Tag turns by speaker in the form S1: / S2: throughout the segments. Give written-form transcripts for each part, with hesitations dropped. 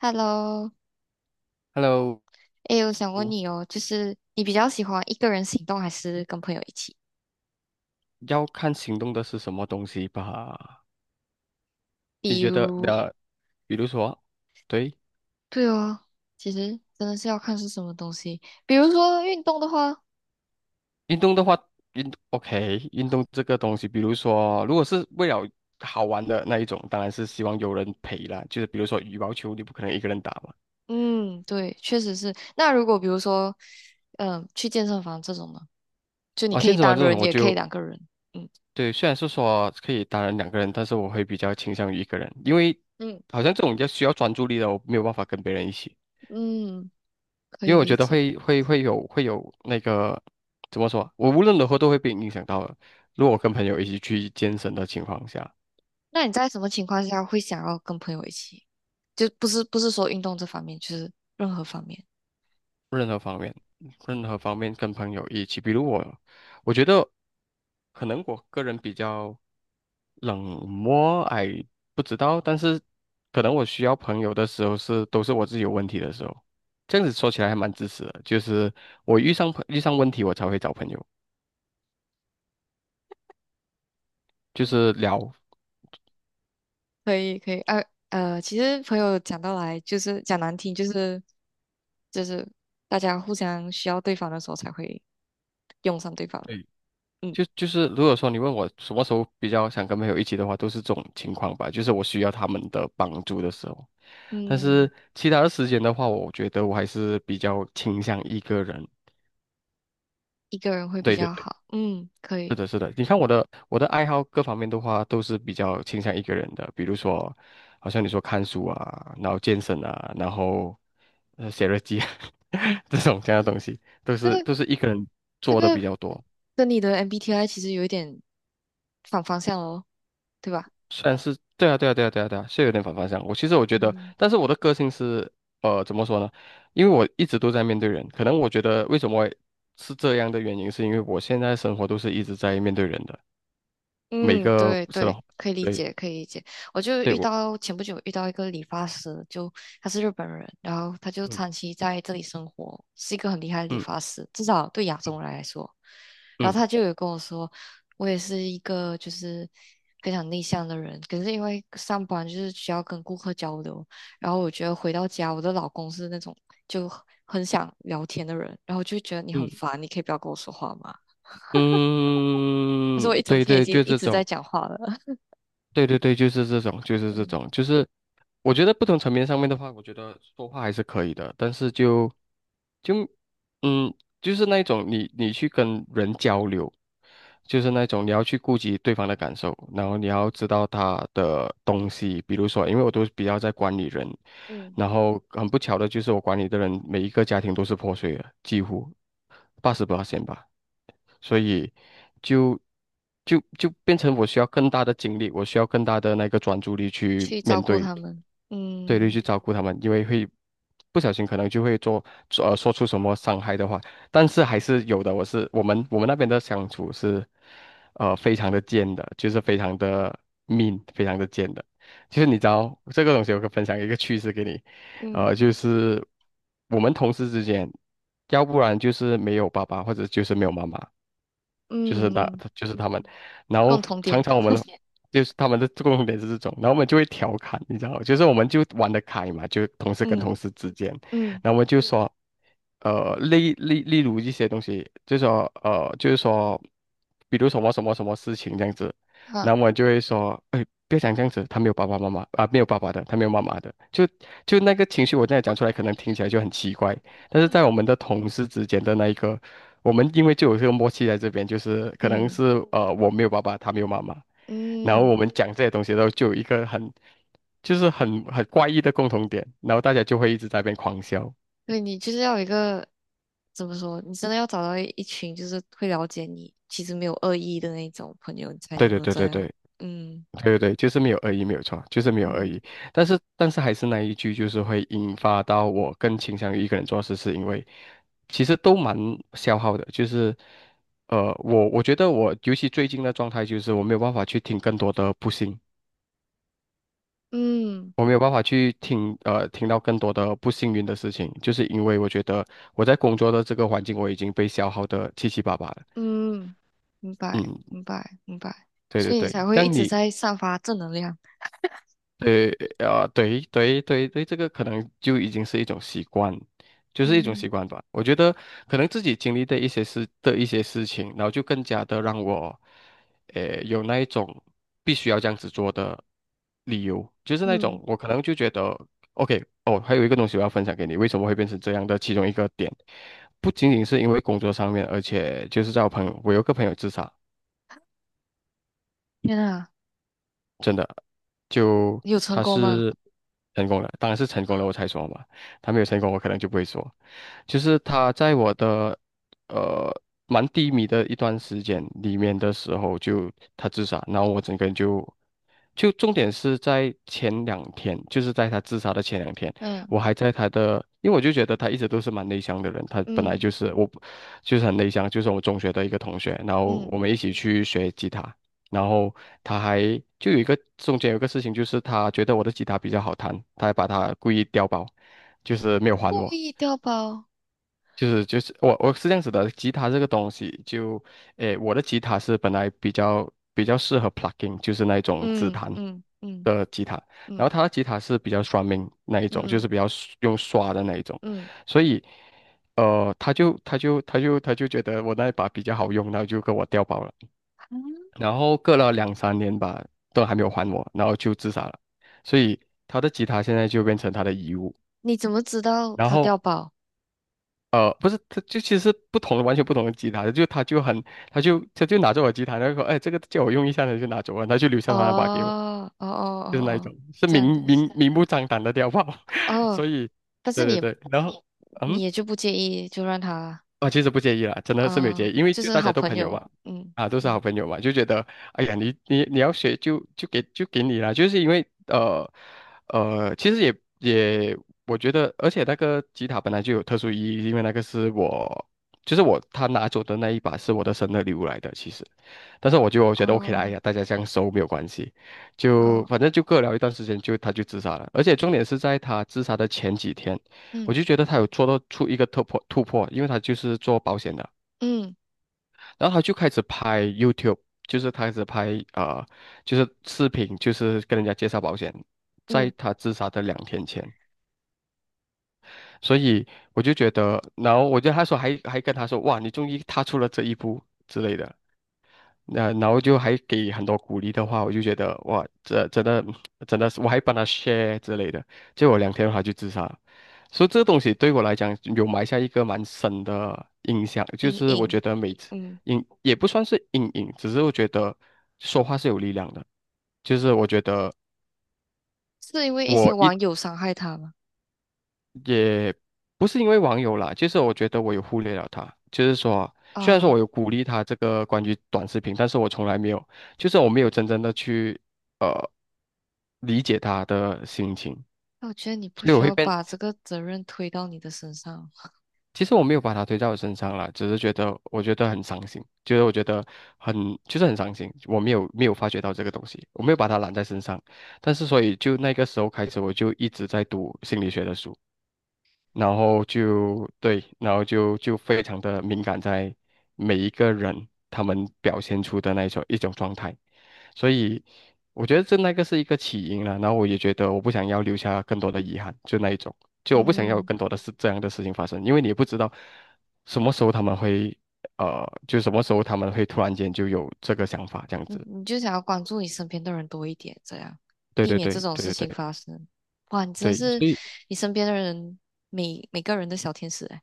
S1: Hello，
S2: Hello,
S1: 诶，我想问你哦，就是你比较喜欢一个人行动还是跟朋友一起？
S2: 要看行动的是什么东西吧？你
S1: 比
S2: 觉得
S1: 如，
S2: 比如说，对，
S1: 对哦，其实真的是要看是什么东西。比如说运动的话，
S2: 运动的话，运 OK,运动这个东西，比如说，如果是为了好玩的那一种，当然是希望有人陪啦。就是比如说羽毛球，你不可能一个人打嘛。
S1: 嗯，对，确实是。那如果比如说，去健身房这种呢，就你
S2: 啊，
S1: 可
S2: 健
S1: 以
S2: 身房
S1: 单
S2: 这种
S1: 人，
S2: 我
S1: 也可以
S2: 就
S1: 两个人。嗯
S2: 对，虽然是说可以当然两个人，但是我会比较倾向于一个人，因为
S1: 嗯
S2: 好像这种要需要专注力的，我没有办法跟别人一起。
S1: 嗯，可
S2: 因
S1: 以
S2: 为我
S1: 理
S2: 觉得
S1: 解。
S2: 会有那个怎么说，我无论如何都会被影响到的。如果我跟朋友一起去健身的情况下，
S1: 那你在什么情况下会想要跟朋友一起？就不是说运动这方面，就是任何方面。
S2: 任何方面，任何方面跟朋友一起，比如我，我觉得可能我个人比较冷漠，哎，不知道，但是可能我需要朋友的时候是都是我自己有问题的时候，这样子说起来还蛮自私的，就是我遇上问题我才会找朋友，就是聊。
S1: 可以可以，呃，呃，其实朋友讲到来就是讲难听，就是大家互相需要对方的时候才会用上对方嘛。嗯
S2: 就是如果说你问我什么时候比较想跟朋友一起的话，都是这种情况吧，就是我需要他们的帮助的时候。但
S1: 嗯，
S2: 是其他的时间的话，我觉得我还是比较倾向一个人。
S1: 一个人会比
S2: 对对
S1: 较
S2: 对，
S1: 好。嗯，可
S2: 是
S1: 以。
S2: 的，是的。你看我的爱好各方面的话，都是比较倾向一个人的。比如说，好像你说看书啊，然后健身啊，然后写日记啊 这种这样的东西，都
S1: 这
S2: 是
S1: 个
S2: 都是一个人
S1: 这
S2: 做的比
S1: 个
S2: 较多。
S1: 跟你的 MBTI 其实有一点反方向哦，对吧？
S2: 算是对啊，对啊，对啊，对啊，对啊，是有点反方向。我其实我觉得，
S1: 嗯。
S2: 但是我的个性是，呃，怎么说呢？因为我一直都在面对人，可能我觉得为什么会是这样的原因，是因为我现在生活都是一直在面对人的，每
S1: 嗯，
S2: 个
S1: 对
S2: 是
S1: 对，
S2: 的，
S1: 可以理
S2: 对，
S1: 解，可以理解。我就
S2: 对
S1: 遇
S2: 我，
S1: 到前不久遇到一个理发师，就他是日本人，然后他就
S2: 嗯
S1: 长期在这里生活，是一个很厉害的理
S2: 嗯
S1: 发师，至少对亚洲人来说。然
S2: 嗯
S1: 后他就有跟我说，我也是一个就是非常内向的人，可是因为上班就是需要跟顾客交流，然后我觉得回到家，我的老公是那种就很想聊天的人，然后就觉得你很
S2: 嗯
S1: 烦，你可以不要跟我说话吗？他说
S2: 嗯，
S1: 我一整
S2: 对
S1: 天已
S2: 对，
S1: 经
S2: 就
S1: 一
S2: 这
S1: 直在
S2: 种，
S1: 讲话了。
S2: 对对对，就是这种，就是这种，就是我觉得不同层面上面的话，我觉得说话还是可以的，但是就。就嗯，就是那种你你去跟人交流，就是那种你要去顾及对方的感受，然后你要知道他的东西，比如说，因为我都比较在管理人，
S1: 嗯
S2: 然后很不巧的就是我管理的人每一个家庭都是破碎的，几乎八十八线吧。所以就就变成我需要更大的精力，我需要更大的那个专注力去
S1: 去照
S2: 面
S1: 顾
S2: 对，
S1: 他们。
S2: 对，对，
S1: 嗯
S2: 去照顾他们，因为会不小心可能就会做做呃说出什么伤害的话，但是还是有的。我们那边的相处是非常的贱的，就是非常的 mean,非常的贱的。就是你知道这个东西，我可以分享一个趣事给你。
S1: 嗯
S2: 就是我们同事之间，要不然就是没有爸爸，或者就是没有妈妈，就是
S1: 嗯
S2: 他，
S1: 嗯
S2: 就是他们，然
S1: 共
S2: 后
S1: 同
S2: 常
S1: 点
S2: 常我们就是他们的 共点是这种，然后我们就会调侃，你知道吗，就是我们就玩得开嘛，就同事跟
S1: 嗯
S2: 同事之间，
S1: 嗯
S2: 然后我们就说，例如一些东西，就说就是说，比如什么什么什么事情这样子，
S1: 好。
S2: 然后我就会说，哎，不要讲这样子，他没有爸爸妈妈啊，没有爸爸的，他没有妈妈的，就那个情绪，我现在讲出来可能听起来就很奇怪，但是在我们的同事之间的那一个，我们因为就有这个默契在这边，就是可能
S1: 嗯
S2: 是我没有爸爸，他没有妈妈，然后
S1: 嗯
S2: 我们讲这些东西的时候，就有一个很就是很怪异的共同点，然后大家就会一直在那边狂笑。
S1: 对你就是要有一个怎么说，你真的要找到一群就是会了解你，其实没有恶意的那种朋友，你才
S2: 对
S1: 能
S2: 对
S1: 够
S2: 对
S1: 这
S2: 对对。
S1: 样。嗯，
S2: 对对对，就是没有恶意，没有错，就是没有恶
S1: 嗯
S2: 意。但是，但是还是那一句，就是会引发到我更倾向于一个人做事，是因为其实都蛮消耗的。就是，我觉得我尤其最近的状态，就是我没有办法去听更多的不幸，
S1: 嗯
S2: 我没有办法去听听到更多的不幸运的事情，就是因为我觉得我在工作的这个环境，我已经被消耗的七七八八了。
S1: 嗯明白，
S2: 嗯，
S1: 明白，明白。
S2: 对对
S1: 所以你才
S2: 对。这
S1: 会一
S2: 样
S1: 直
S2: 你
S1: 在散发正能量。
S2: 对，啊，对对对对，这个可能就已经是一种习惯，就是一种
S1: 嗯
S2: 习惯吧。我觉得可能自己经历的一些事情，然后就更加的让我，呃，有那一种必须要这样子做的理由，就是那
S1: 嗯
S2: 种我可能就觉得，OK,哦，还有一个东西我要分享给你，为什么会变成这样的其中一个点，不仅仅是因为工作上面，而且就是在我朋友，我有个朋友自杀。
S1: 天啊，
S2: 就
S1: 你有成
S2: 他
S1: 功吗？
S2: 是成功了，当然是成功了我才说嘛，他没有成功我可能就不会说。就是他在我的呃蛮低迷的一段时间里面的时候就，他自杀，然后我整个人就就重点是在前两天，就是在他自杀的前两天，
S1: 嗯。
S2: 我还在他的，因为我就觉得他一直都是蛮内向的人，他本来
S1: 嗯
S2: 就是我，就是很内向，就是我中学的一个同学，然后
S1: 嗯。
S2: 我们一起去学吉他，然后他还就有一个中间有一个事情，就是他觉得我的吉他比较好弹，他还把它故意调包，就是没有还
S1: 故
S2: 我。
S1: 意掉包，
S2: 就是我是这样子的，吉他这个东西就，诶，我的吉他是本来比较适合 plucking,就是那种指
S1: 嗯
S2: 弹，
S1: 嗯嗯
S2: 的吉他，
S1: 嗯
S2: 然后他的吉他是比较刷命那一种，就
S1: 嗯
S2: 是比较刷用刷的那一种，
S1: 嗯，
S2: 所以，他就觉得我那一把比较好用，然后就跟我调包了，
S1: 啊
S2: 然后隔了两三年吧，都还没有还我，然后就自杀了，所以他的吉他现在就变成他的遗物，
S1: 你怎么知道
S2: 然
S1: 他
S2: 后。
S1: 掉包？
S2: 呃，不是，他就其实不同的，完全不同的吉他，就他就很，他就拿着我吉他，然后说，哎，这个借我用一下他就拿走了，他就留下
S1: 哦
S2: 他那把给我。
S1: 哦哦
S2: 就
S1: 哦
S2: 是那一种，
S1: 哦，
S2: 是
S1: 这样的意思。
S2: 明目张胆的碉堡，
S1: 哦，
S2: 所以，
S1: 但
S2: 对
S1: 是你
S2: 对
S1: 也
S2: 对，然后，嗯，
S1: 你也就不介意，就让他
S2: 我其实不介意啦，真的是没有
S1: 啊、哦
S2: 介意，因为
S1: 就
S2: 就
S1: 是
S2: 大
S1: 好
S2: 家都
S1: 朋
S2: 朋友
S1: 友。
S2: 嘛，
S1: 嗯
S2: 啊，都是
S1: 嗯，
S2: 好朋友嘛，就觉得，哎呀，你要学就就给你啦，就是因为其实也也，我觉得，而且那个吉他本来就有特殊意义，因为那个是我，就是我他拿走的那一把是我的生日礼物来的，其实。但是我就觉得 OK 啦，哎
S1: 哦
S2: 呀，大家这样熟没有关系，就
S1: 哦，
S2: 反正就各聊一段时间就他就自杀了，而且重点是在他自杀的前几天，我
S1: 嗯
S2: 就觉得他有做到出一个突破，因为他就是做保险的，
S1: 嗯
S2: 然后他就开始拍 YouTube，就是他开始拍就是视频，就是跟人家介绍保险，在
S1: 嗯，
S2: 他自杀的两天前，所以我就觉得，然后我觉得他说还跟他说哇，你终于踏出了这一步之类的，然后就还给很多鼓励的话，我就觉得哇，这真的是，我还帮他 share 之类的，结果两天后他就自杀了。所以这个东西对我来讲有埋下一个蛮深的印象，就
S1: 隐
S2: 是我
S1: 隐，
S2: 觉得每次
S1: 嗯，
S2: 也不算是阴影，只是我觉得说话是有力量的，就是我觉得。
S1: 是因为一些
S2: 我一。
S1: 网友伤害他吗？
S2: 也不是因为网友啦，就是我觉得我有忽略了他，就是说，虽然说
S1: 啊、
S2: 我有鼓励他这个关于短视频，但是我从来没有，就是我没有真正的去呃理解他的心情，
S1: 那我觉得你不
S2: 所以我
S1: 需
S2: 会
S1: 要
S2: 变，
S1: 把这个责任推到你的身上。
S2: 其实我没有把他推到我身上啦，只是觉得我觉得很伤心，就是我觉得很就是很伤心，我没有发觉到这个东西，我没有把他揽在身上，但是所以就那个时候开始，我就一直在读心理学的书。然后就对，然后就非常的敏感在每一个人他们表现出的那一种状态，所以我觉得这那个是一个起因了，然后我也觉得我不想要留下更多的遗憾，就那一种，就我不想要有
S1: 嗯。
S2: 更多的事这样的事情发生，因为你也不知道什么时候他们会就什么时候他们会突然间就有这个想法这样子，
S1: 你就想要关注你身边的人多一点，这样
S2: 对
S1: 避
S2: 对
S1: 免这
S2: 对
S1: 种事
S2: 对对
S1: 情
S2: 对
S1: 发生。哇，你真的
S2: 对，
S1: 是
S2: 所以。
S1: 你身边的人每个人的小天使哎，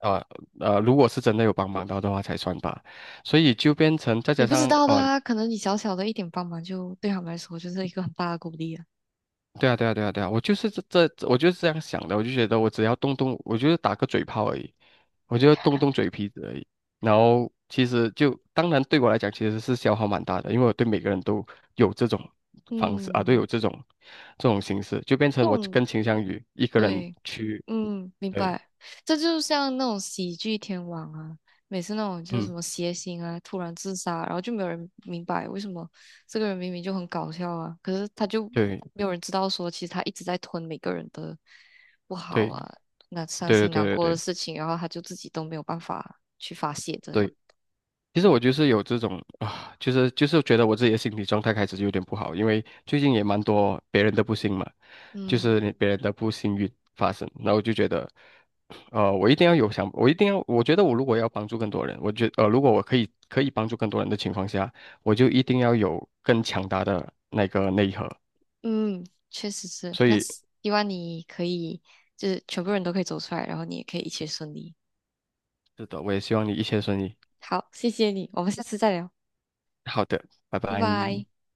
S2: 呃如果是真的有帮忙到的话才算吧，所以就变成再
S1: 你
S2: 加
S1: 不知
S2: 上
S1: 道的啊，可能你小小的一点帮忙就对他们来说就是一个很大的鼓励啊。
S2: 对啊对啊对啊对啊，我就是这，我就是这样想的，我就觉得我只要动动，我就是打个嘴炮而已，我就动动嘴皮子而已，然后其实就当然对我来讲其实是消耗蛮大的，因为我对每个人都有这种方式啊，都有
S1: 嗯，
S2: 这种这种形式，就变
S1: 这
S2: 成我
S1: 种
S2: 更倾向于一个人
S1: 对。
S2: 去，
S1: 嗯，明
S2: 对，
S1: 白。这就像那种喜剧天王啊，每次那种就是什
S2: 嗯，
S1: 么谐星啊，突然自杀，然后就没有人明白为什么这个人明明就很搞笑啊，可是他就
S2: 对
S1: 没有人知道说，其实他一直在吞每个人的不好
S2: 对
S1: 啊，那伤
S2: 对对对
S1: 心难
S2: 对
S1: 过的
S2: 对。
S1: 事情，然后他就自己都没有办法去发泄，这样。
S2: 对其实
S1: 嗯
S2: 我就是有这种啊，就是觉得我自己的心理状态开始就有点不好，因为最近也蛮多别人的不幸嘛，就
S1: 嗯，
S2: 是你别人的不幸运发生，然后我就觉得，我一定要有想，我一定要，我觉得我如果要帮助更多人，如果我可以帮助更多人的情况下，我就一定要有更强大的那个内核，
S1: 嗯确实是。
S2: 所
S1: 那
S2: 以
S1: 希望你可以，就是全部人都可以走出来，然后你也可以一切顺利。
S2: 是的，我也希望你一切顺利。
S1: 好，谢谢你，我们下次再聊，
S2: 好的，拜
S1: 拜
S2: 拜。
S1: 拜。